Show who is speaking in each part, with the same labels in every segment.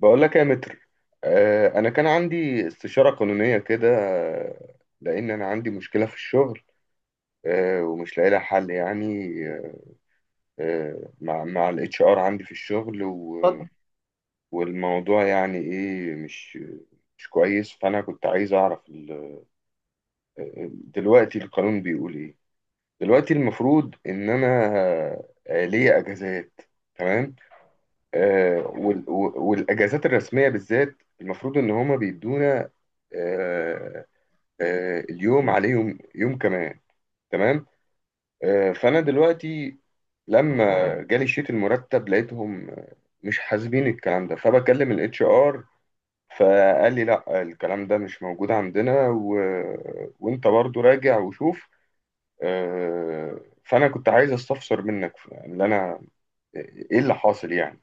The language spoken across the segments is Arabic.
Speaker 1: بقول لك يا متر. انا كان عندي استشارة قانونية كده. لان انا عندي مشكلة في الشغل. ومش لاقي لها حل يعني. مع الاتش ار عندي في الشغل
Speaker 2: اتفضل.
Speaker 1: والموضوع يعني ايه مش كويس، فانا كنت عايز اعرف دلوقتي القانون بيقول ايه. دلوقتي المفروض ان انا ليا اجازات. تمام. والاجازات الرسمية بالذات المفروض ان هما بيدونا آه، اليوم عليه يوم يوم كمان. تمام. فانا دلوقتي لما جالي شيت المرتب لقيتهم مش حاسبين الكلام ده، فبكلم الاتش ار، فقال لي لا الكلام ده مش موجود عندنا وانت برضو راجع وشوف. فانا كنت عايز استفسر منك يعني اللي انا، آه، ايه اللي حاصل يعني،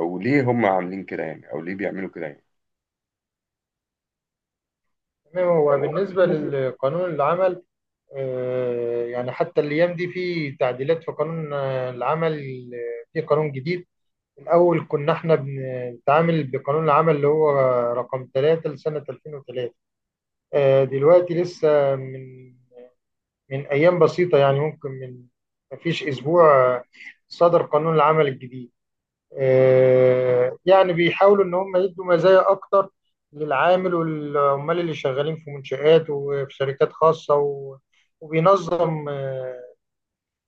Speaker 1: او ليه هم عاملين كده يعني، او ليه بيعملوا كده يعني.
Speaker 2: تمام، هو بالنسبة لقانون العمل يعني حتى الأيام دي في تعديلات في قانون العمل، في قانون جديد. الأول كنا احنا بنتعامل بقانون العمل اللي هو رقم 3 لسنة 2003. دلوقتي لسه من أيام بسيطة، يعني ممكن مفيش أسبوع صدر قانون العمل الجديد. يعني بيحاولوا ان هم يدوا مزايا اكتر للعامل والعمال اللي شغالين في منشآت وفي شركات خاصة وبينظم آه،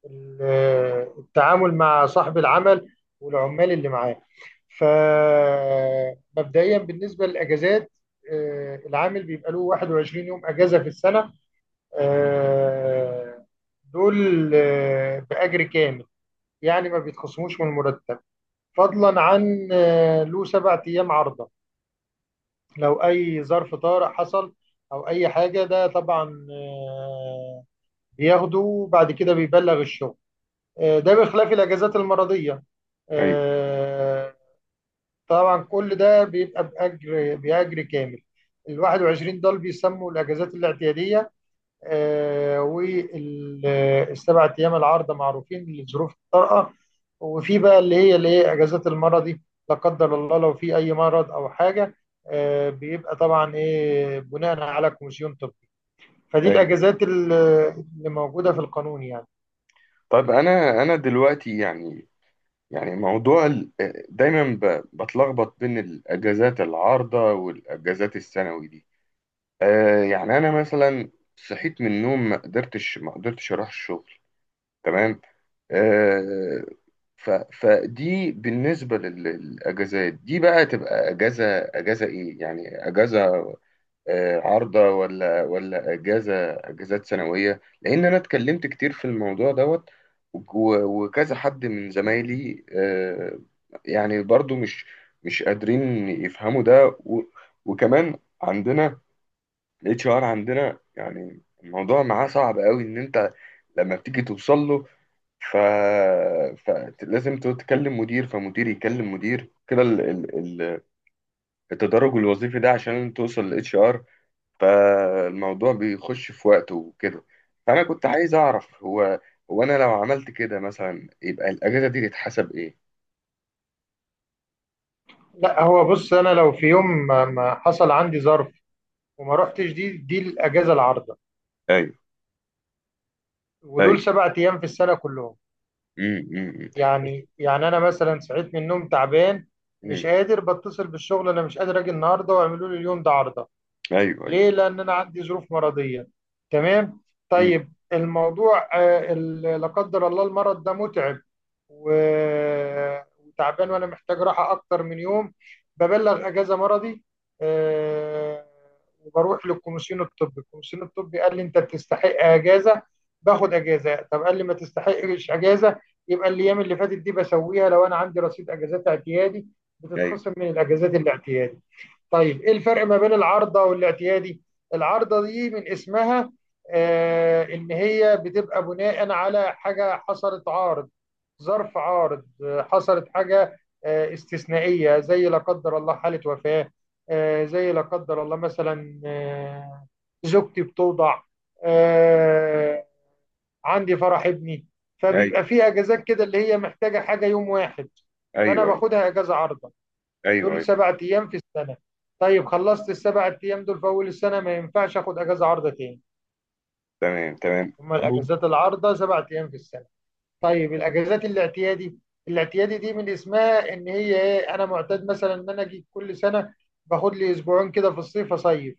Speaker 2: ال- آه، التعامل مع صاحب العمل والعمال اللي معاه. فمبدئيا بالنسبة للأجازات، العامل بيبقى له 21 يوم أجازة في السنة. آه، دول بأجر كامل، يعني ما بيتخصموش من المرتب. فضلا عن له 7 أيام عرضة لو أي ظرف طارئ حصل أو أي حاجة. ده طبعا بياخده وبعد كده بيبلغ الشغل. ده بخلاف الأجازات المرضية.
Speaker 1: ايوه،
Speaker 2: آه، طبعا كل ده بيبقى بأجر كامل. ال 21 دول بيسموا الأجازات الاعتيادية. والسبع ايام العارضه معروفين لظروف الطارئه. وفي بقى اللي هي اجازات المرضي لا قدر الله لو في اي مرض او حاجه. بيبقى طبعا ايه بناء على كوميسيون طبي. فدي
Speaker 1: ايوه.
Speaker 2: الاجازات اللي موجوده في القانون يعني.
Speaker 1: طب انا دلوقتي يعني، يعني موضوع دايما بتلخبط بين الاجازات العارضه والاجازات الثانوي دي. آه، يعني انا مثلا صحيت من النوم ما قدرتش اروح الشغل، تمام. آه، فدي بالنسبه للاجازات دي بقى، تبقى اجازه. اجازه ايه يعني؟ اجازه عارضة، ولا أجازات سنوية، لأن أنا اتكلمت كتير في الموضوع دوت وكذا حد من زمايلي. يعني برضو مش قادرين يفهموا ده وكمان عندنا الاتش ار عندنا، يعني الموضوع معاه صعب قوي، ان انت لما بتيجي توصل له ف... فلازم تتكلم مدير، فمدير يكلم مدير كده، ال- التدرج الوظيفي ده عشان توصل للاتش ار، فالموضوع بيخش في وقته وكده. فأنا كنت عايز أعرف، هو أنا لو عملت كده مثلا يبقى الأجازة دي تتحسب إيه؟
Speaker 2: لا هو بص، انا لو في يوم ما حصل عندي ظرف وما رحتش دي الاجازه العارضه،
Speaker 1: أيوه،
Speaker 2: ودول
Speaker 1: أيوه.
Speaker 2: 7 ايام في السنه كلهم.
Speaker 1: أمم، أمم،
Speaker 2: يعني انا مثلا صحيت من النوم تعبان،
Speaker 1: أمم.
Speaker 2: مش قادر بتصل بالشغل انا مش قادر اجي النهارده واعملوا لي اليوم ده عرضه.
Speaker 1: أيوه، أيوه.
Speaker 2: ليه؟ لأن أنا عندي ظروف مرضية. تمام؟
Speaker 1: أمم.
Speaker 2: طيب الموضوع لا قدر الله المرض ده متعب وتعبان وأنا محتاج راحة أكتر من يوم. ببلغ أجازة مرضي، آه، وبروح للكوميسيون الطبي. الكوميسيون الطبي قال لي أنت بتستحق أجازة، باخد أجازة. طب قال لي ما تستحقش أجازة، يبقى الأيام اللي فاتت دي بسويها. لو أنا عندي رصيد أجازات اعتيادي
Speaker 1: أيوه،
Speaker 2: بتتخصم من الأجازات الاعتيادي. طيب ايه الفرق ما بين العارضه والاعتيادي؟ العارضه دي من اسمها ان هي بتبقى بناء على حاجه حصلت عارض، ظرف عارض. حصلت حاجه استثنائيه زي لا قدر الله حاله وفاه، زي لا قدر الله مثلا، زوجتي بتوضع، آه عندي فرح ابني.
Speaker 1: أيوه،
Speaker 2: فبيبقى في اجازات كده اللي هي محتاجه حاجه يوم واحد، فانا
Speaker 1: أيوه، أيوه،
Speaker 2: باخدها اجازه عارضه.
Speaker 1: أيوه،
Speaker 2: دول
Speaker 1: أيوه.
Speaker 2: 7 ايام في السنه. طيب خلصت ال7 ايام دول في اول السنه، ما ينفعش اخد اجازه عارضه تاني.
Speaker 1: تمام، تمام.
Speaker 2: هما
Speaker 1: طب
Speaker 2: الاجازات العارضه 7 ايام في السنه. طيب الاجازات الاعتيادي، الاعتيادي دي من اسمها ان هي ايه، انا معتاد مثلا ان انا اجي كل سنه باخد لي اسبوعين كده في الصيف اصيف.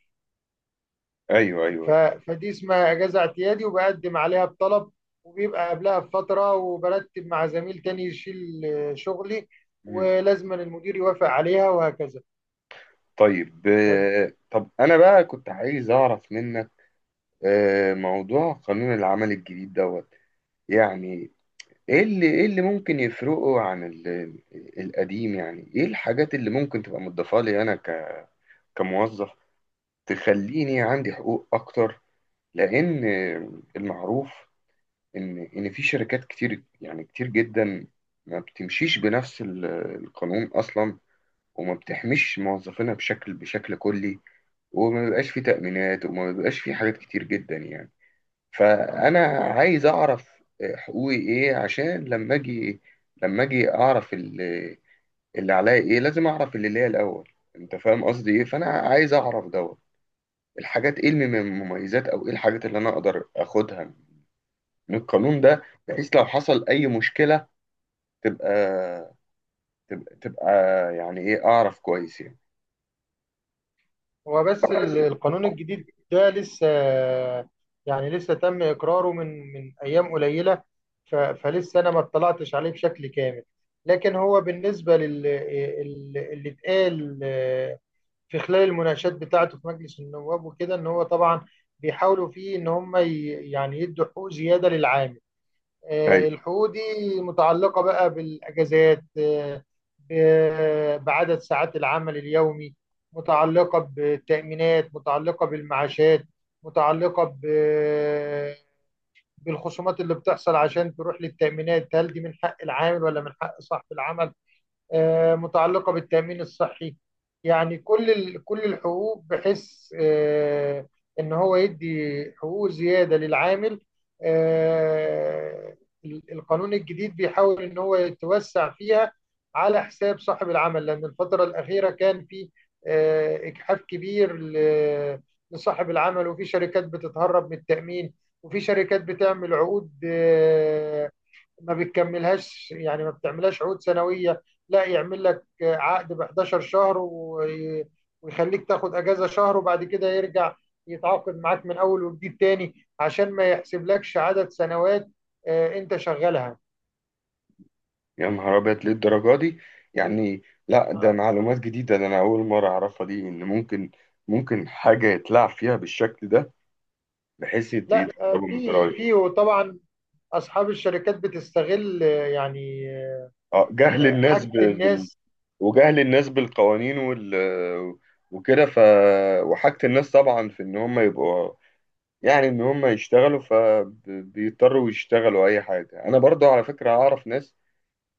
Speaker 1: أيوه، أيوه، أيوه.
Speaker 2: فدي اسمها اجازه اعتيادي، وبقدم عليها بطلب، وبيبقى قبلها بفتره وبرتب مع زميل تاني يشيل شغلي،
Speaker 1: أمم.
Speaker 2: ولازم المدير يوافق عليها وهكذا.
Speaker 1: طيب،
Speaker 2: ف-
Speaker 1: طب أنا بقى كنت عايز أعرف منك موضوع قانون العمل الجديد دوت. يعني ايه اللي ممكن يفرقه عن القديم، يعني ايه الحاجات اللي ممكن تبقى مضافة لي انا كموظف، تخليني عندي حقوق اكتر؟ لان المعروف ان في شركات كتير يعني كتير جدا، ما بتمشيش بنفس القانون اصلا، وما بتحميش موظفينها بشكل كلي، وما بيبقاش في تأمينات وما بيبقاش في حاجات كتير جدا يعني. فانا عايز اعرف حقوقي ايه، عشان لما اجي اعرف اللي عليا ايه. لازم اعرف اللي ليا الاول. انت فاهم قصدي ايه. فانا عايز اعرف دوت الحاجات، ايه المميزات، او ايه الحاجات اللي انا اقدر اخدها من القانون ده، بحيث لو حصل اي مشكلة تبقى تبقى, تبقى، يعني ايه، اعرف كويس يعني.
Speaker 2: هو بس القانون الجديد ده لسه، يعني لسه تم إقراره من أيام قليلة. فلسه أنا ما اطلعتش عليه بشكل كامل. لكن هو بالنسبة لل اللي اتقال في خلال المناقشات بتاعته في مجلس النواب وكده، إن هو طبعا بيحاولوا فيه إن هم يعني يدوا حقوق زيادة للعامل.
Speaker 1: طيب.
Speaker 2: الحقوق دي متعلقة بقى بالأجازات، بعدد ساعات العمل اليومي، متعلقة بالتأمينات، متعلقة بالمعاشات، متعلقة بالخصومات اللي بتحصل عشان تروح للتأمينات، هل دي من حق العامل ولا من حق صاحب العمل؟ متعلقة بالتأمين الصحي. يعني كل كل الحقوق، بحيث آه، إن هو يدي حقوق زيادة للعامل. آه، القانون الجديد بيحاول إن هو يتوسع فيها على حساب صاحب العمل. لأن الفترة الأخيرة كان في إجحاف كبير لصاحب العمل. وفي شركات بتتهرب من التأمين، وفي شركات بتعمل عقود ما بتكملهاش، يعني ما بتعملهاش عقود سنوية. لا يعمل لك عقد ب 11 شهر ويخليك تاخد اجازة شهر، وبعد كده يرجع يتعاقد معاك من اول وجديد تاني عشان ما يحسبلكش عدد سنوات انت شغالها.
Speaker 1: يا نهار أبيض، ليه الدرجة دي؟ يعني لا، ده
Speaker 2: آه،
Speaker 1: معلومات جديدة، ده أنا أول مرة أعرفها، دي إن ممكن ممكن حاجة يتلعب فيها بالشكل ده، بحيث
Speaker 2: لا آه،
Speaker 1: يتقربوا من
Speaker 2: في
Speaker 1: الضرايب.
Speaker 2: في وطبعا اصحاب الشركات بتستغل، يعني
Speaker 1: أه، جهل الناس
Speaker 2: حاجة الناس.
Speaker 1: وجهل الناس بالقوانين وكده ف، وحاجة الناس طبعا، في إن هم يبقوا يعني إن هم يشتغلوا، فبيضطروا يشتغلوا أي حاجة. أنا برضو على فكرة أعرف ناس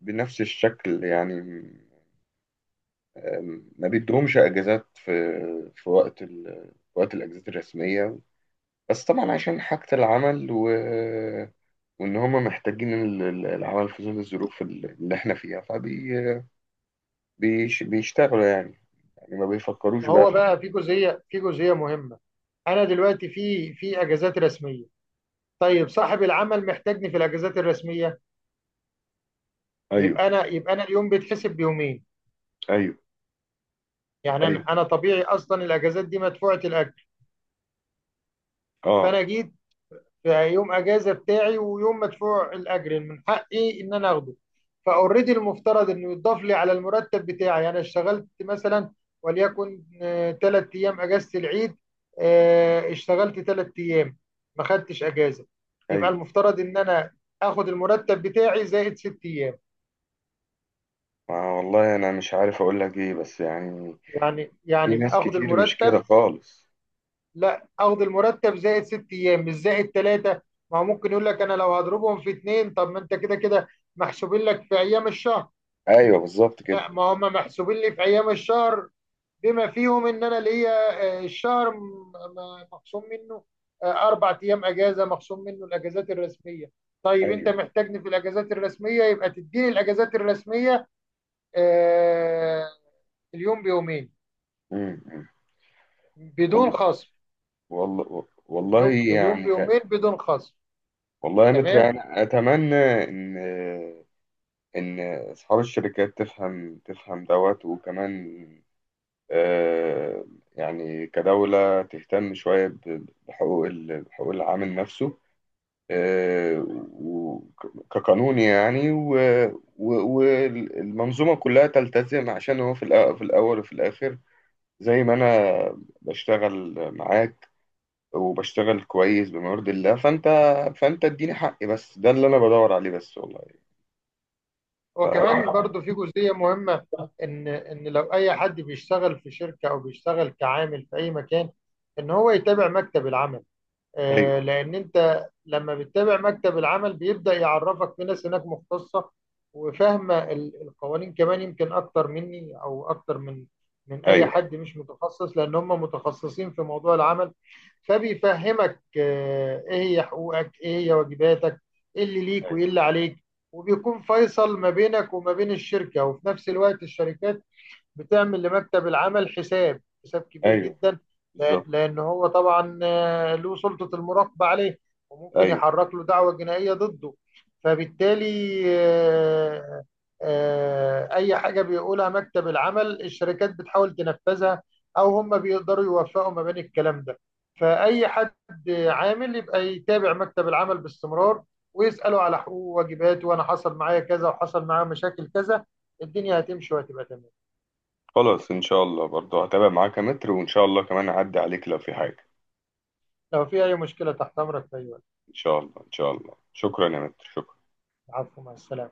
Speaker 1: بنفس الشكل يعني، ما بيدهمش اجازات في وقت وقت الاجازات الرسميه، بس طبعا عشان حاجه العمل وان هم محتاجين العمل في ظل الظروف اللي احنا فيها فبيشتغلوا يعني، يعني ما بيفكروش
Speaker 2: ما
Speaker 1: بقى
Speaker 2: هو
Speaker 1: في.
Speaker 2: بقى في جزئية مهمة. انا دلوقتي في اجازات رسمية. طيب صاحب العمل محتاجني في الاجازات الرسمية،
Speaker 1: ايوه،
Speaker 2: يبقى انا اليوم بيتحسب بيومين.
Speaker 1: ايوه،
Speaker 2: يعني
Speaker 1: ايوه.
Speaker 2: انا طبيعي، اصلا الاجازات دي مدفوعه الاجر.
Speaker 1: اه،
Speaker 2: فانا جيت في يوم اجازه بتاعي، ويوم مدفوع الاجر من حقي ان انا اخده. فاوريدي المفترض انه يضاف لي على المرتب بتاعي. انا اشتغلت مثلا، وليكن 3 ايام اجازه العيد، اشتغلت 3 ايام، ما خدتش اجازه. يبقى
Speaker 1: ايوه.
Speaker 2: المفترض ان انا اخد المرتب بتاعي زائد 6 ايام.
Speaker 1: ما والله انا مش عارف اقول لك ايه، بس يعني
Speaker 2: يعني
Speaker 1: في
Speaker 2: يعني
Speaker 1: ناس
Speaker 2: اخد
Speaker 1: كتير مش
Speaker 2: المرتب
Speaker 1: كده خالص.
Speaker 2: لا اخد المرتب زائد 6 ايام، مش زائد 3. ما هو ممكن يقول لك انا لو هضربهم في 2، طب ما انت كده كده محسوبين لك في ايام الشهر.
Speaker 1: ايوه، بالظبط كده.
Speaker 2: لا، ما هم محسوبين لي في ايام الشهر بما فيهم ان انا ليا الشهر مخصوم منه 4 ايام اجازه، مخصوم منه الاجازات الرسميه. طيب انت
Speaker 1: ايوه.
Speaker 2: محتاجني في الاجازات الرسميه، يبقى تديني الاجازات الرسميه آه، اليوم بيومين
Speaker 1: امم،
Speaker 2: بدون
Speaker 1: والله.
Speaker 2: خصم.
Speaker 1: والله، والله،
Speaker 2: اليوم
Speaker 1: يعني
Speaker 2: بيومين بدون خصم.
Speaker 1: والله يا متر،
Speaker 2: تمام.
Speaker 1: انا اتمنى ان ان اصحاب الشركات تفهم دوت، وكمان آه، يعني كدولة تهتم شوية بحقوق العامل نفسه، آه، كقانون يعني، والمنظومة كلها تلتزم، عشان هو في الأول وفي الآخر، زي ما أنا بشتغل معاك وبشتغل كويس بما يرضي الله، فأنت اديني حقي بس، ده اللي أنا بدور عليه بس والله. ف...
Speaker 2: هو كمان برضو في جزئية مهمة، إن لو أي حد بيشتغل في شركة أو بيشتغل كعامل في أي مكان، إن هو يتابع مكتب العمل.
Speaker 1: ايوه،
Speaker 2: لان انت لما بتتابع مكتب العمل بيبدا يعرفك في ناس هناك مختصه وفاهمه القوانين، كمان يمكن اكتر مني او اكتر من اي
Speaker 1: ايوه،
Speaker 2: حد مش متخصص، لان هم متخصصين في موضوع العمل. فبيفهمك ايه هي حقوقك، ايه هي واجباتك، ايه اللي ليك
Speaker 1: ايوه،
Speaker 2: وايه اللي عليك. وبيكون فيصل ما بينك وما بين الشركه. وفي نفس الوقت الشركات بتعمل لمكتب العمل حساب كبير
Speaker 1: ايوه،
Speaker 2: جدا، لأن
Speaker 1: بالظبط،
Speaker 2: لأن هو طبعا له سلطة المراقبة عليه، وممكن
Speaker 1: ايوه.
Speaker 2: يحرك له دعوة جنائية ضده. فبالتالي آه، أي حاجة بيقولها مكتب العمل الشركات بتحاول تنفذها، أو هم بيقدروا يوفقوا ما بين الكلام ده. فأي حد عامل يبقى يتابع مكتب العمل باستمرار، ويسأله على حقوقه وواجباته. وأنا حصل معايا كذا، وحصل معايا مشاكل كذا، الدنيا هتمشي وهتبقى تمام.
Speaker 1: خلاص ان شاء الله، برضو هتابع معاك يا متر، وان شاء الله كمان اعدي عليك لو في حاجه.
Speaker 2: لو في أي مشكلة تحت أمرك في أي وقت.
Speaker 1: ان شاء الله، ان شاء الله. شكرا يا متر، شكرا.
Speaker 2: العفو، مع السلامة.